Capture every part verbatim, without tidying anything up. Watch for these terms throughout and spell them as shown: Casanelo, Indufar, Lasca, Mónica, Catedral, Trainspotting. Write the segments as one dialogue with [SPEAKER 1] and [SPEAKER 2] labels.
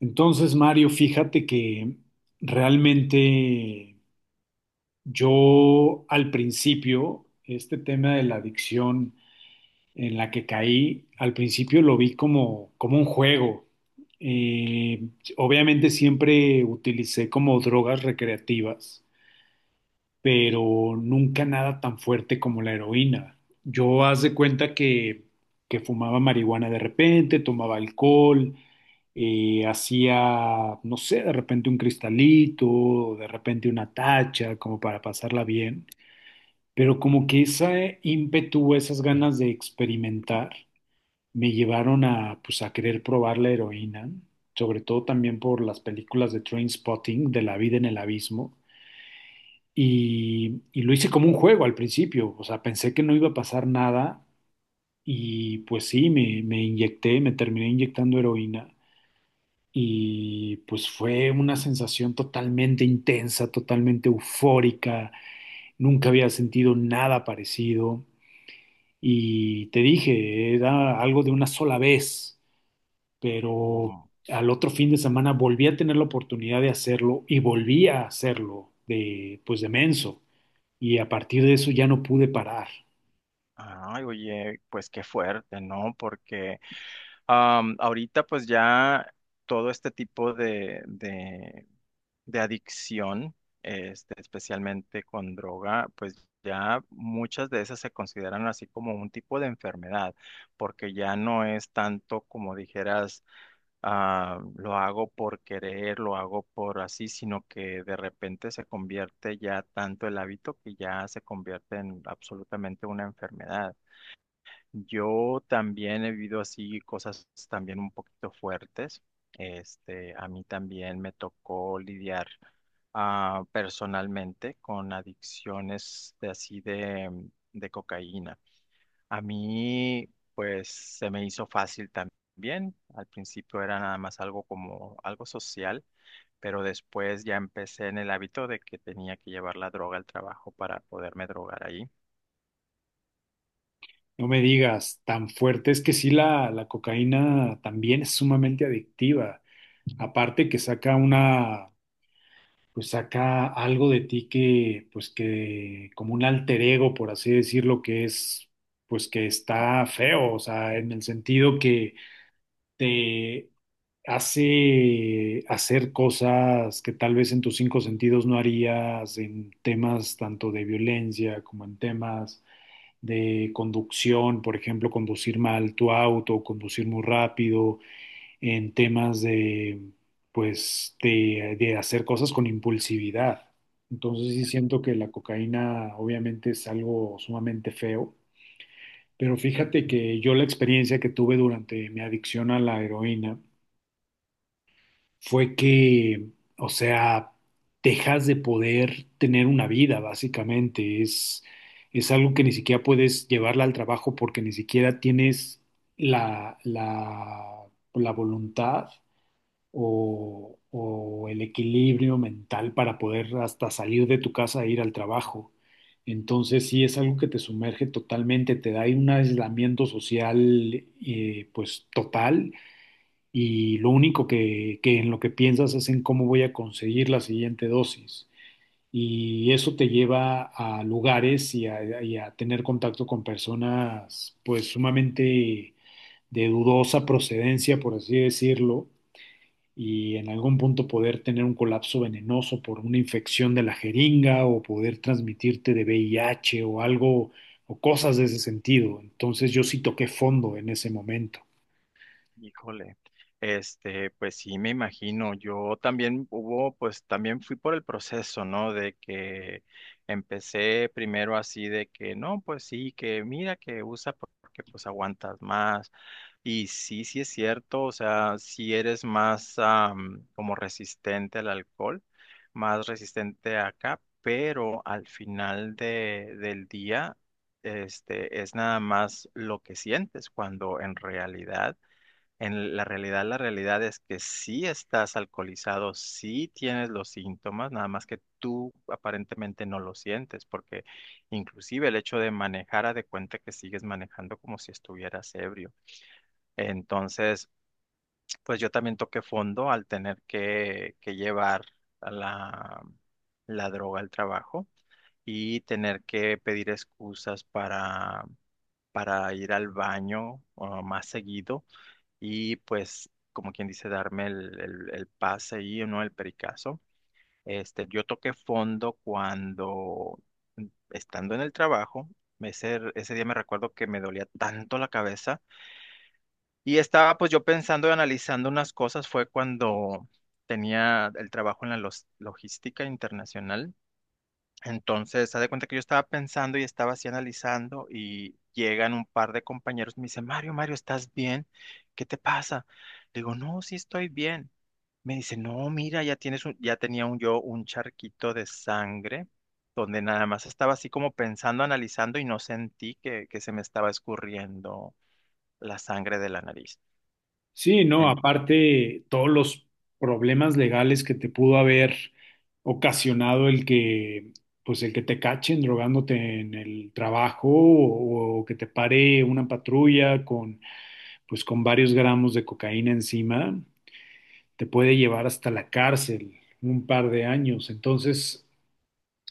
[SPEAKER 1] Entonces, Mario, fíjate que realmente yo al principio, este tema de la adicción en la que caí, al principio lo vi como, como un juego. Eh, Obviamente siempre utilicé como drogas recreativas pero nunca nada tan fuerte como la heroína. Yo haz de cuenta que, que fumaba marihuana de repente, tomaba alcohol, eh, hacía, no sé, de repente un cristalito, o de repente una tacha, como para pasarla bien. Pero como que ese ímpetu, esas ganas de experimentar, me llevaron a, pues, a querer probar la heroína, sobre todo también por las películas de Trainspotting, de la vida en el abismo y, y lo hice como un juego al principio, o sea, pensé que no iba a pasar nada y pues sí, me, me inyecté, me terminé inyectando heroína y pues fue una sensación totalmente intensa, totalmente eufórica, nunca había sentido nada parecido y te dije, era algo de una sola vez, pero
[SPEAKER 2] Oh.
[SPEAKER 1] al otro fin de semana volví a tener la oportunidad de hacerlo y volví a hacerlo de pues de menso. Y a partir de eso ya no pude parar.
[SPEAKER 2] Ay, oye, pues qué fuerte, ¿no? Porque... Am, ahorita pues ya todo este tipo de, de, de adicción, este, especialmente con droga, pues ya muchas de esas se consideran así como un tipo de enfermedad, porque ya no es tanto como dijeras, ah, lo hago por querer, lo hago por así, sino que de repente se convierte ya tanto el hábito que ya se convierte en absolutamente una enfermedad. Yo también he vivido así cosas también un poquito fuertes. Este, a mí también me tocó lidiar ah, personalmente con adicciones de así de, de cocaína. A mí, pues, se me hizo fácil también. Al principio era nada más algo como algo social, pero después ya empecé en el hábito de que tenía que llevar la droga al trabajo para poderme drogar ahí.
[SPEAKER 1] No me digas, tan fuerte, es que sí la, la cocaína también es sumamente adictiva. Aparte que saca una, pues saca algo de ti que, pues que, como un alter ego, por así decirlo, que es, pues que está feo, o sea, en el sentido que te hace hacer cosas que tal vez en tus cinco sentidos no harías, en temas tanto de violencia como en temas de conducción, por ejemplo, conducir mal tu auto, conducir muy rápido, en temas de, pues, de, de hacer cosas con impulsividad. Entonces sí siento que la cocaína obviamente es algo sumamente feo, pero fíjate que yo la experiencia que tuve durante mi adicción a la heroína, fue que, o sea, dejas de poder tener una vida, básicamente. Es, es algo que ni siquiera puedes llevarla al trabajo porque ni siquiera tienes la, la, la voluntad o, o el equilibrio mental para poder hasta salir de tu casa e ir al trabajo. Entonces sí es algo que te sumerge totalmente, te da ahí un aislamiento social eh, pues total y lo único que, que en lo que piensas es en cómo voy a conseguir la siguiente dosis. Y eso te lleva a lugares y a, y a tener contacto con personas pues sumamente de dudosa procedencia, por así decirlo, y en algún punto poder tener un colapso venenoso por una infección de la jeringa o poder transmitirte de V I H o algo o cosas de ese sentido. Entonces yo sí toqué fondo en ese momento.
[SPEAKER 2] Híjole, este, pues sí, me imagino. Yo también hubo, pues también fui por el proceso, ¿no? De que empecé primero así de que, no, pues sí, que mira que usa porque pues aguantas más. Y sí, sí es cierto, o sea, si eres más am, como resistente al alcohol, más resistente acá, pero al final de, del día, este, es nada más lo que sientes cuando en realidad en la realidad, la realidad es que sí estás alcoholizado, sí tienes los síntomas, nada más que tú aparentemente no lo sientes, porque inclusive el hecho de manejar, a de cuenta que sigues manejando como si estuvieras ebrio. Entonces, pues yo también toqué fondo al tener que, que llevar a la, la droga al trabajo y tener que pedir excusas para, para ir al baño uh, más seguido y pues, como quien dice, darme el, el, el pase y ¿no? El pericazo. Este, yo toqué fondo cuando, mm, estando en el trabajo, ese, ese día me recuerdo que me dolía tanto la cabeza y estaba pues yo pensando y analizando unas cosas, fue cuando tenía el trabajo en la los- logística internacional. Entonces, haz de cuenta que yo estaba pensando y estaba así analizando y llegan un par de compañeros y me dicen, Mario, Mario, ¿estás bien? ¿Qué te pasa? Le digo, no, sí estoy bien. Me dice, no, mira, ya tienes un, ya tenía un yo un charquito de sangre donde nada más estaba así como pensando, analizando y no sentí que, que se me estaba escurriendo la sangre de la nariz.
[SPEAKER 1] Sí, no, aparte todos los problemas legales que te pudo haber ocasionado el que, pues el que te cachen drogándote en el trabajo o, o que te pare una patrulla con, pues con varios gramos de cocaína encima, te puede llevar hasta la cárcel un par de años. Entonces,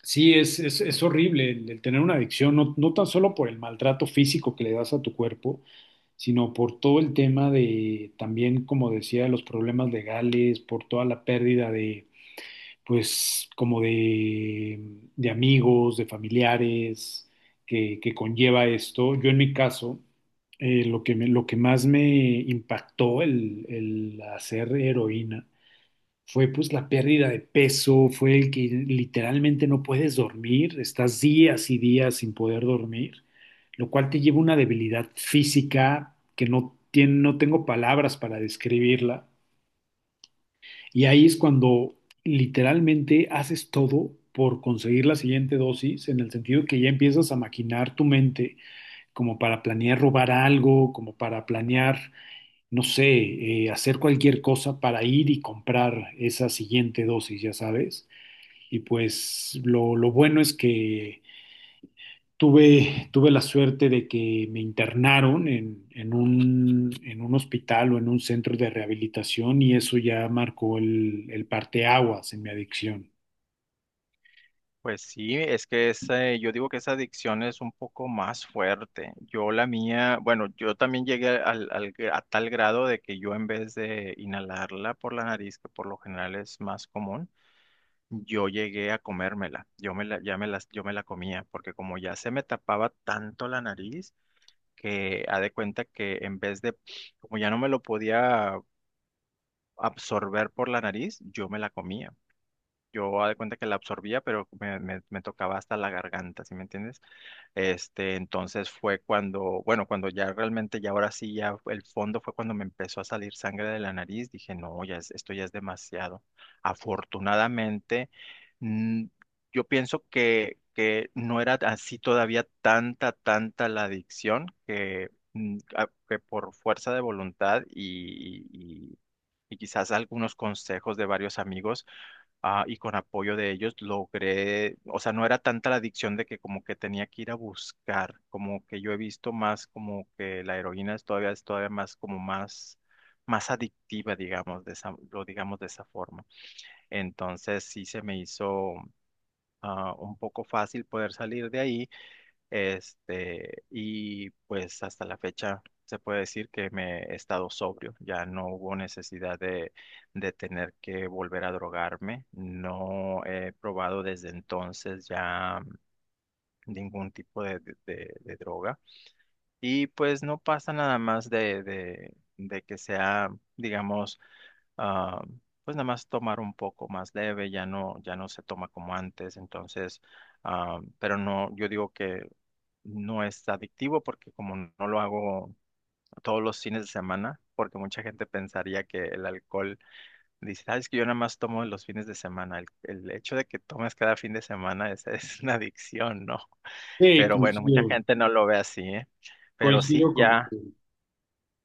[SPEAKER 1] sí, es, es, es horrible el, el tener una adicción, no, no tan solo por el maltrato físico que le das a tu cuerpo, sino por todo el tema de también, como decía, los problemas legales, por toda la pérdida de, pues, como de, de amigos, de familiares que, que conlleva esto. Yo en mi caso, eh, lo que me- lo que más me impactó el, el hacer heroína fue pues la pérdida de peso, fue el que literalmente no puedes dormir, estás días y días sin poder dormir, lo cual te lleva a una debilidad física que no tiene, no tengo palabras para describirla. Y ahí es cuando literalmente haces todo por conseguir la siguiente dosis, en el sentido que ya empiezas a maquinar tu mente como para planear robar algo, como para planear no sé, eh, hacer cualquier cosa para ir y comprar esa siguiente dosis, ya sabes. Y pues lo, lo bueno es que tuve, tuve la suerte de que me internaron en, en un, en un hospital o en un centro de rehabilitación y eso ya marcó el, el parteaguas en mi adicción.
[SPEAKER 2] Pues sí, es que esa, yo digo que esa adicción es un poco más fuerte. Yo la mía, bueno, yo también llegué al, al- a tal grado de que yo en vez de inhalarla por la nariz, que por lo general es más común, yo llegué a comérmela. Yo me la, ya me las, yo me la comía, porque como ya se me tapaba tanto la nariz, que ha de cuenta que en vez de, como ya no me lo podía absorber por la nariz, yo me la comía. Yo ha de cuenta que la absorbía, pero me, me, me tocaba hasta la garganta, ¿sí me entiendes? Este, entonces fue cuando, bueno, cuando ya realmente, ya ahora sí, ya el fondo fue cuando me empezó a salir sangre de la nariz. Dije, no, ya es- esto ya es demasiado. Afortunadamente, mm, yo pienso que, que no era así todavía tanta, tanta la adicción que, mm, a- que por fuerza de voluntad y, y y- y quizás algunos consejos de varios amigos ah, y con apoyo de ellos logré, o sea, no era tanta la adicción de que como que tenía que ir a buscar, como que yo he visto más como que la heroína es todavía, es todavía más como más, más adictiva, digamos, de esa, lo digamos de esa forma. Entonces sí se me hizo ah, un poco fácil poder salir de ahí. Este, y pues hasta la fecha se puede decir que me he estado sobrio, ya no hubo necesidad de, de tener que volver a drogarme, no he probado desde entonces ya ningún tipo de, de- de- de droga y pues no pasa nada más de, de, de que sea, digamos, ah, pues nada más tomar un poco más leve, ya no, ya no se toma como antes, entonces... Ah, pero no, yo digo que no es adictivo porque como no lo hago todos los fines de semana, porque mucha gente pensaría que el alcohol dice, ah, es que yo nada más tomo los fines de semana. El, el hecho de que tomes cada fin de semana es, es una adicción, ¿no?
[SPEAKER 1] Sí,
[SPEAKER 2] Pero bueno, mucha
[SPEAKER 1] coincido,
[SPEAKER 2] gente no lo ve así, ¿eh? Pero sí,
[SPEAKER 1] coincido con...
[SPEAKER 2] ya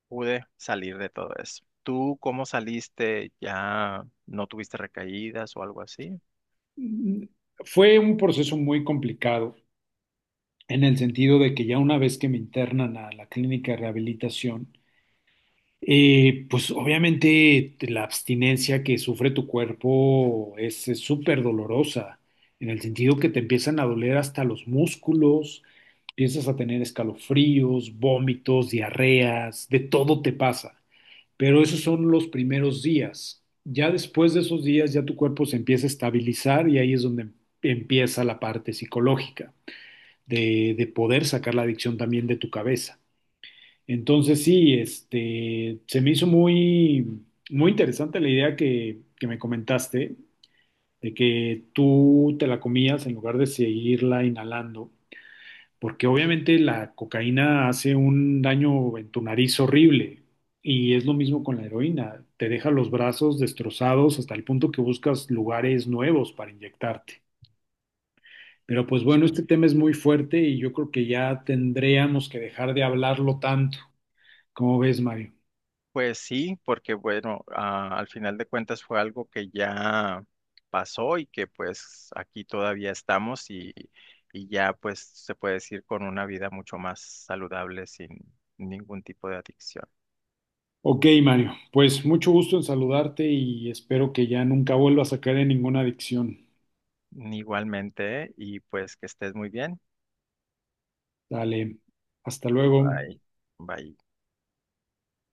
[SPEAKER 2] pude salir de todo eso. ¿Tú cómo saliste? ¿Ya no tuviste recaídas o algo así?
[SPEAKER 1] Fue un proceso muy complicado en el sentido de que ya una vez que me internan a la clínica de rehabilitación, Eh, pues obviamente la abstinencia que sufre tu cuerpo es es súper dolorosa, en el sentido que te empiezan a doler hasta los músculos, empiezas a tener escalofríos, vómitos, diarreas, de todo te pasa. Pero esos son los primeros días. Ya después de esos días ya tu cuerpo se empieza a estabilizar y ahí es donde empieza la parte psicológica de, de poder sacar la adicción también de tu cabeza. Entonces sí, este, se me hizo muy, muy interesante la idea que, que me comentaste, de que tú te la comías en lugar de seguirla inhalando, porque obviamente la cocaína hace un daño en tu nariz horrible y es lo mismo con la heroína, te deja los brazos destrozados hasta el punto que buscas lugares nuevos para inyectarte. Pero pues
[SPEAKER 2] Sí.
[SPEAKER 1] bueno, este tema es muy fuerte y yo creo que ya tendríamos que dejar de hablarlo tanto. ¿Cómo ves, Mario?
[SPEAKER 2] Pues sí, porque bueno, ah, al final de cuentas fue algo que ya pasó y que pues aquí todavía estamos y, y ya pues se puede decir con una vida mucho más saludable sin ningún tipo de adicción.
[SPEAKER 1] Ok, Mario, pues mucho gusto en saludarte y espero que ya nunca vuelvas a caer en ninguna adicción.
[SPEAKER 2] Igualmente, y pues que estés muy bien.
[SPEAKER 1] Dale, hasta luego.
[SPEAKER 2] Bye. Bye.